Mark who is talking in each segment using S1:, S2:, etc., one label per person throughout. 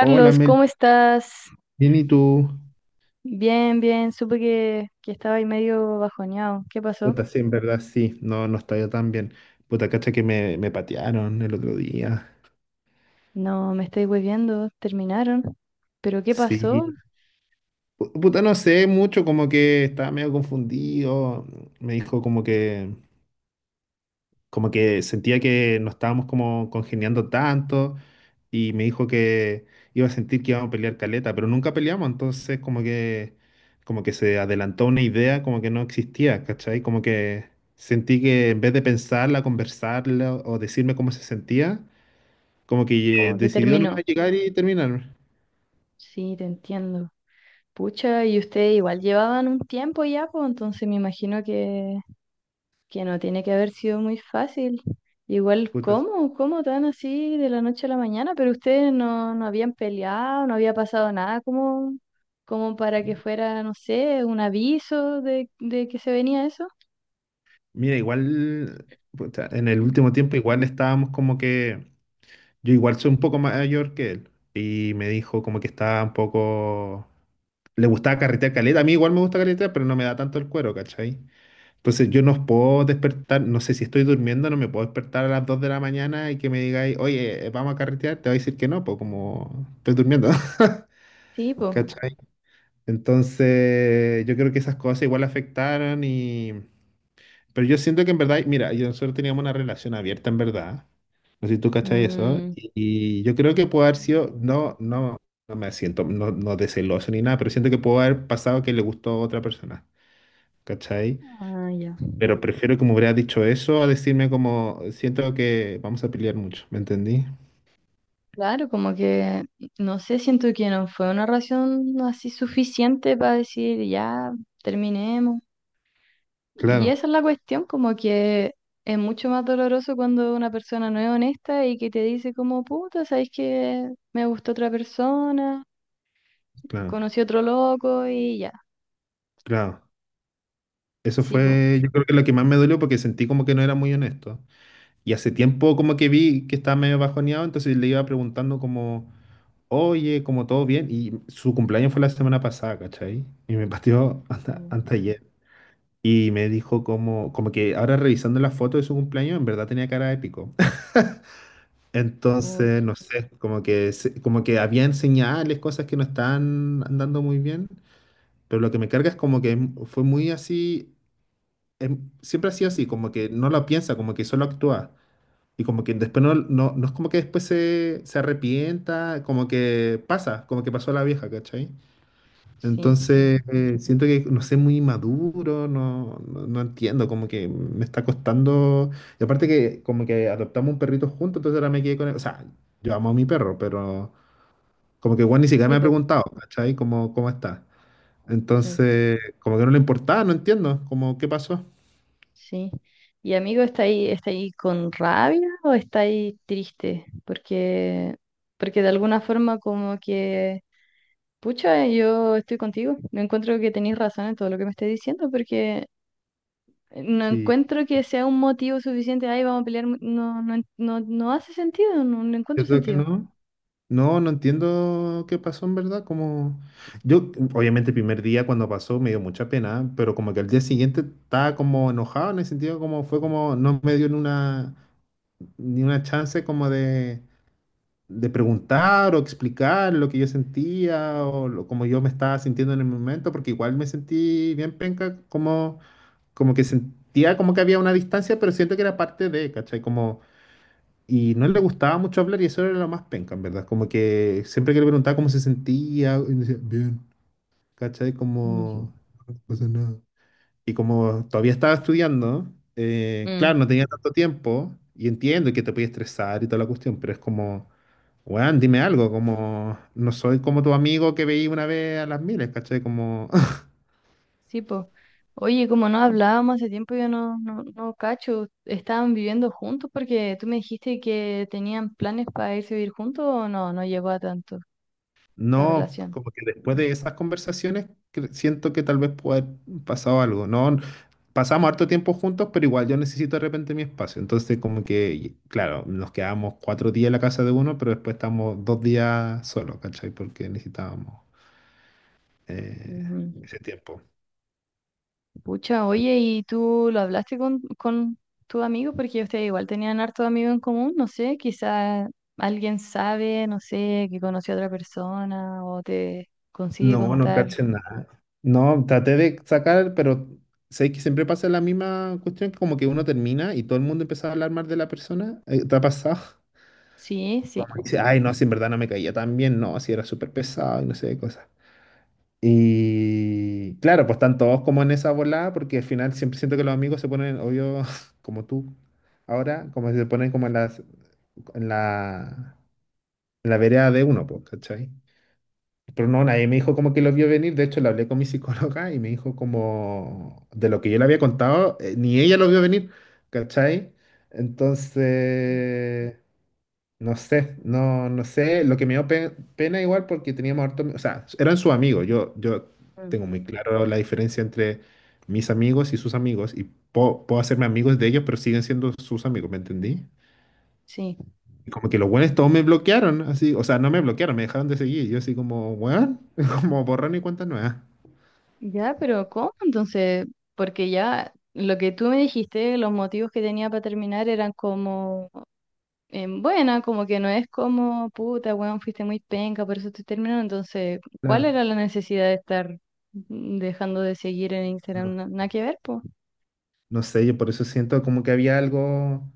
S1: Hola Mel,
S2: ¿cómo estás?
S1: bien y tú.
S2: Bien, bien. Supe que estaba ahí medio bajoneado. ¿Qué pasó?
S1: Puta, sí, en verdad sí, no, no está yo tan bien. Puta, cacha que me patearon el otro día.
S2: No, me estoy volviendo. Terminaron. ¿Pero qué pasó?
S1: Sí. Puta, no sé mucho, como que estaba medio confundido. Me dijo como que sentía que no estábamos como congeniando tanto y me dijo que iba a sentir que íbamos a pelear caleta, pero nunca peleamos, entonces como que se adelantó una idea como que no existía, ¿cachai? Como que sentí que en vez de pensarla, conversarla o decirme cómo se sentía, como que
S2: Como que
S1: decidió
S2: terminó.
S1: nomás llegar y terminar.
S2: Sí, te entiendo. Pucha, y ustedes igual llevaban un tiempo ya, pues entonces me imagino que no tiene que haber sido muy fácil. Igual,
S1: Puta,
S2: ¿cómo? ¿Cómo tan así de la noche a la mañana? Pero ustedes no habían peleado, no había pasado nada como, como para que fuera, no sé, un aviso de que se venía eso.
S1: mira, igual puta, en el último tiempo igual estábamos como que yo igual soy un poco mayor que él y me dijo como que estaba un poco le gustaba carretear caleta. A mí igual me gusta carretear, pero no me da tanto el cuero, ¿cachai? Entonces yo no puedo despertar, no sé si estoy durmiendo, no me puedo despertar a las 2 de la mañana y que me digáis, oye, vamos a carretear, te voy a decir que no, pues como estoy durmiendo.
S2: Sí, pues.
S1: ¿Cachai? Entonces yo creo que esas cosas igual afectaron. Y... Pero yo siento que en verdad, mira, yo nosotros teníamos una relación abierta en verdad. No sé si tú cachai eso. Y yo creo que puede haber sido, no, no, no me siento, no, no de celoso ni nada, pero siento que puede haber pasado que le gustó a otra persona. ¿Cachai?
S2: Ah, ya.
S1: Pero prefiero que me hubiera dicho eso a decirme como, siento que vamos a pelear mucho, ¿me entendí?
S2: Claro, como que, no sé, siento que no fue una razón así suficiente para decir, ya, terminemos. Y
S1: Claro,
S2: esa es la cuestión, como que es mucho más doloroso cuando una persona no es honesta y que te dice como, puta, ¿sabes que me gustó otra persona,
S1: claro,
S2: conocí otro loco y ya?
S1: claro. Eso
S2: Sí, po.
S1: fue, yo creo que lo que más me dolió porque sentí como que no era muy honesto. Y hace tiempo como que vi que estaba medio bajoneado, entonces le iba preguntando como, oye, como todo bien. Y su cumpleaños fue la semana pasada, ¿cachai? Y me pateó hasta
S2: Mm,
S1: ayer. Y me dijo como que ahora revisando la foto de su cumpleaños, en verdad tenía cara épico. Entonces,
S2: puch,
S1: no sé, como que, como que habían señales, cosas que no estaban andando muy bien, pero lo que me carga es como que fue muy así, siempre ha sido así,
S2: mm.
S1: como que no lo piensa, como que solo actúa. Y como que después no, no, no es como que después se, se arrepienta, como que pasa, como que pasó la vieja, ¿cachai?
S2: Sí, sí.
S1: Entonces, siento que no sé, muy maduro, no, no, no entiendo, como que me está costando. Y aparte que como que adoptamos un perrito juntos, entonces ahora me quedé con él. O sea, yo amo a mi perro, pero como que Juan ni siquiera me
S2: Sí,
S1: ha
S2: po.
S1: preguntado, ¿cachai? ¿Cómo está?
S2: Sí,
S1: Entonces, como que no le importaba, no entiendo, como qué pasó.
S2: sí. Y amigo, está ahí con rabia o está ahí triste? Porque, porque de alguna forma como que, pucha, yo estoy contigo. Me encuentro que tenéis razón en todo lo que me estés diciendo, porque no
S1: Sí,
S2: encuentro que sea un motivo suficiente, ay, vamos a pelear, no, no, no, no hace sentido, no, no
S1: yo
S2: encuentro
S1: creo que
S2: sentido.
S1: no. No, no entiendo qué pasó en verdad, como yo obviamente el primer día cuando pasó me dio mucha pena, pero como que al día siguiente estaba como enojado en el sentido como fue como no me dio ni una chance como de preguntar o explicar lo que yo sentía o como yo me estaba sintiendo en el momento, porque igual me sentí bien penca, como que sentía como que había una distancia, pero siento que era parte de, ¿cachai? Como y no le gustaba mucho hablar y eso era lo más penca, en verdad. Como que siempre que le preguntaba cómo se sentía, y decía, bien, ¿cachai?
S2: Mm.
S1: Como, no pasa nada. Y como todavía estaba estudiando, claro,
S2: Mm,
S1: no tenía tanto tiempo y entiendo que te puede estresar y toda la cuestión, pero es como, weón, dime algo, como, no soy como tu amigo que veí una vez a las miles, ¿cachai? Como.
S2: sí, pues. Oye, como no hablábamos hace tiempo, yo no cacho, ¿estaban viviendo juntos? Porque tú me dijiste que tenían planes para irse a vivir juntos o no, no llegó a tanto la
S1: No,
S2: relación.
S1: como que después de esas conversaciones siento que tal vez puede haber pasado algo. No, pasamos harto tiempo juntos, pero igual yo necesito de repente mi espacio. Entonces, como que, claro, nos quedábamos 4 días en la casa de uno, pero después estamos 2 días solos, ¿cachai? Porque necesitábamos eh, ese tiempo.
S2: Pucha, oye, ¿y tú lo hablaste con tu amigo? Porque ustedes igual tenían harto amigos en común, no sé, quizá alguien sabe, no sé, que conoció a otra persona o te consigue
S1: No, no
S2: contar.
S1: caché nada. No, traté de sacar, pero sé que siempre pasa la misma cuestión, que como que uno termina y todo el mundo empieza a hablar mal de la persona. ¿Te ha pasado?
S2: Sí, sí,
S1: Como dice, ay, no, si en verdad no me caía tan bien, no, si era súper pesado y no sé qué cosas. Y claro, pues están todos como en esa volada, porque al final siempre siento que los amigos se ponen, obvio, como tú, ahora, como se ponen como en las, en la, en la vereda de uno, pues, ¿cachai? Pero no, nadie me dijo como que lo vio venir, de hecho le hablé con mi psicóloga y me dijo como de lo que yo le había contado, ni ella lo vio venir, ¿cachai? Entonces, no sé, no, no sé, lo que me dio pena igual porque teníamos harto, o sea, eran sus amigos, yo
S2: mm,
S1: tengo muy claro la diferencia entre mis amigos y sus amigos y puedo, puedo hacerme amigos de ellos, pero siguen siendo sus amigos, ¿me entendí?
S2: sí.
S1: Y como que los buenos todos me bloquearon, así, o sea, no me bloquearon, me dejaron de seguir, yo así como, weón, como borrón y cuenta nueva.
S2: Ya, pero ¿cómo? Entonces, porque ya lo que tú me dijiste, los motivos que tenía para terminar eran como em, buena, como que no es como, puta, weón, fuiste muy penca, por eso te terminando. Entonces, ¿cuál
S1: Claro,
S2: era la necesidad de estar dejando de seguir en
S1: no,
S2: Instagram? Nada que ver, pues.
S1: no sé, yo por eso siento como que había algo,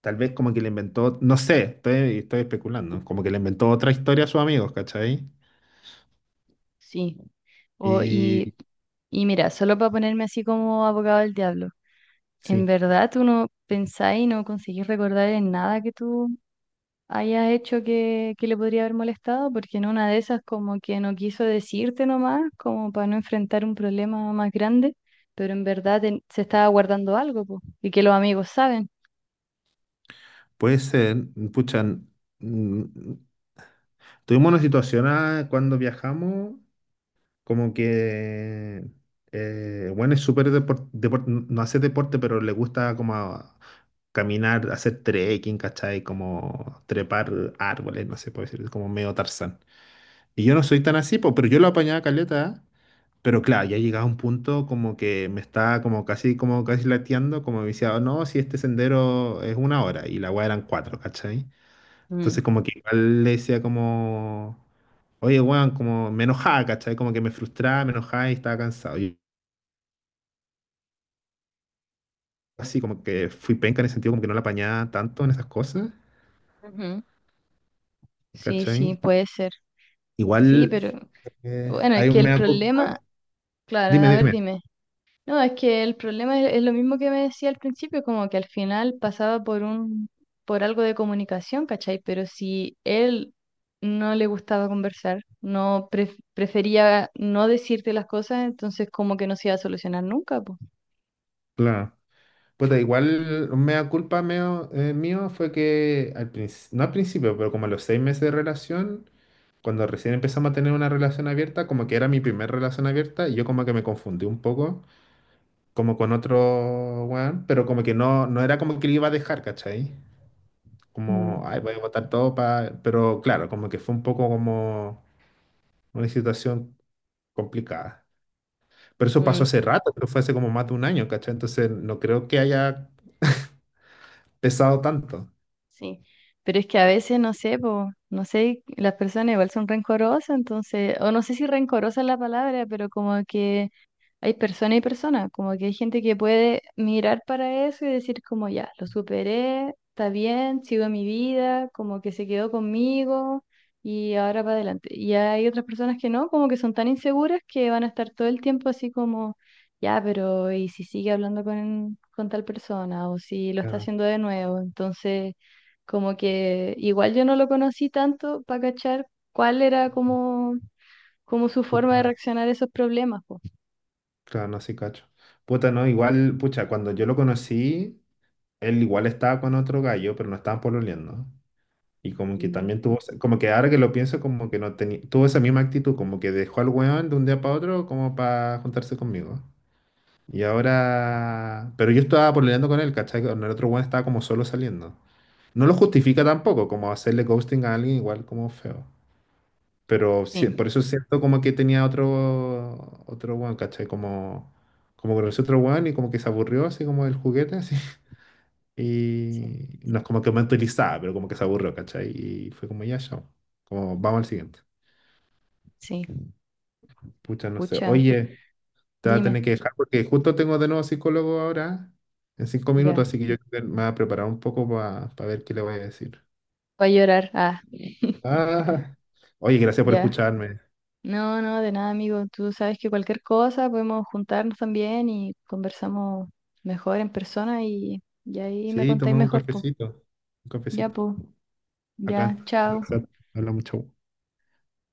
S1: tal vez como que le inventó, no sé, estoy, estoy especulando, como que le inventó otra historia a sus amigos, ¿cachai?
S2: Sí. O,
S1: Y,
S2: y mira, solo para ponerme así como abogado del diablo, ¿en
S1: sí,
S2: verdad tú no pensás y no conseguís recordar en nada que tú haya hecho que le podría haber molestado, porque en una de esas como que no quiso decirte nomás, como para no enfrentar un problema más grande, pero en verdad se estaba guardando algo, po, y que los amigos saben?
S1: puede ser. Pucha, tuvimos una situación ah, cuando viajamos, como que, bueno, es súper no hace deporte, pero le gusta como caminar, hacer trekking, ¿cachai? Como trepar árboles, no sé, puede ser como medio Tarzán. Y yo no soy tan así, po, pero yo lo apañaba caleta. ¿Eh? Pero claro, ya llegaba un punto como que me estaba como casi lateando, como me decía, "Oh, no, si este sendero es 1 hora, y la weá eran cuatro, ¿cachai?"
S2: Mm.
S1: Entonces como que igual le decía como, oye, weón, como me enojaba, ¿cachai? Como que me frustraba, me enojaba y estaba cansado. Y así como que fui penca en el sentido como que no la apañaba tanto en esas cosas,
S2: Ujú. Sí, sí,
S1: ¿cachai?
S2: puede ser. Sí,
S1: Igual
S2: pero bueno, es
S1: hay
S2: que
S1: un
S2: el
S1: mea
S2: problema,
S1: culpa.
S2: claro,
S1: Dime,
S2: a ver,
S1: dime,
S2: dime. No, es que el problema es lo mismo que me decía al principio, como que al final pasaba por un, por algo de comunicación, ¿cachai? Pero si él no le gustaba conversar, no prefería no decirte las cosas, entonces como que no se iba a solucionar nunca, pues.
S1: claro. Pues igual un mea culpa mío fue que, no al principio, pero como a los 6 meses de relación, cuando recién empezamos a tener una relación abierta, como que era mi primer relación abierta y yo como que me confundí un poco. Como con otro weón, pero como que no, no era como que le iba a dejar, ¿cachai? Como, ay, voy a votar todo para. Pero claro, como que fue un poco como una situación complicada. Pero eso pasó
S2: Mm.
S1: hace rato, pero fue hace como más de un año, ¿cachai? Entonces no creo que haya pesado tanto.
S2: Sí, pero es que a veces no sé, po, no sé, las personas igual son rencorosas, entonces, o no sé si rencorosa es la palabra, pero como que hay persona y persona, como que hay gente que puede mirar para eso y decir como ya, lo superé, está bien, sigo mi vida, como que se quedó conmigo y ahora para adelante. Y hay otras personas que no, como que son tan inseguras que van a estar todo el tiempo así como, ya, pero ¿y si sigue hablando con tal persona o si lo está
S1: Claro,
S2: haciendo de nuevo? Entonces... Como que igual yo no lo conocí tanto para cachar cuál era como, como su forma de
S1: súper.
S2: reaccionar a esos problemas, po.
S1: Claro, no, sí, cacho. Puta, no, igual, pucha, cuando yo lo conocí, él igual estaba con otro gallo, pero no estaban pololeando. Y como que también tuvo, como que ahora que lo pienso, como que no tenía, tuvo esa misma actitud, como que dejó al weón de un día para otro como para juntarse conmigo. Y ahora, pero yo estaba pololeando con él, ¿cachai? Con el otro weón estaba como solo saliendo. No lo justifica tampoco, como hacerle ghosting a alguien igual como feo. Pero
S2: Sí,
S1: por eso siento como que tenía otro, otro weón, ¿cachai? Como conoció otro weón y como que se aburrió así como del juguete. Así.
S2: sí,
S1: Y no es como que mentalizaba pero como que se aburrió, ¿cachai? Y fue como ya, chao. Como vamos al siguiente.
S2: sí.
S1: Pucha, no sé.
S2: Pucha,
S1: Oye, te voy a tener
S2: dime,
S1: que dejar porque justo tengo de nuevo psicólogo ahora en cinco
S2: ya.
S1: minutos, así que yo creo que me voy a preparar un poco para ver qué le voy a decir.
S2: Voy a llorar. Ah,
S1: Ah, oye, gracias por
S2: ya.
S1: escucharme.
S2: No, no, de nada, amigo. Tú sabes que cualquier cosa podemos juntarnos también y conversamos mejor en persona y ahí me
S1: Sí,
S2: contáis
S1: tomemos un
S2: mejor, po.
S1: cafecito. Un
S2: Ya,
S1: cafecito.
S2: po.
S1: Acá.
S2: Ya, chao.
S1: Habla mucho.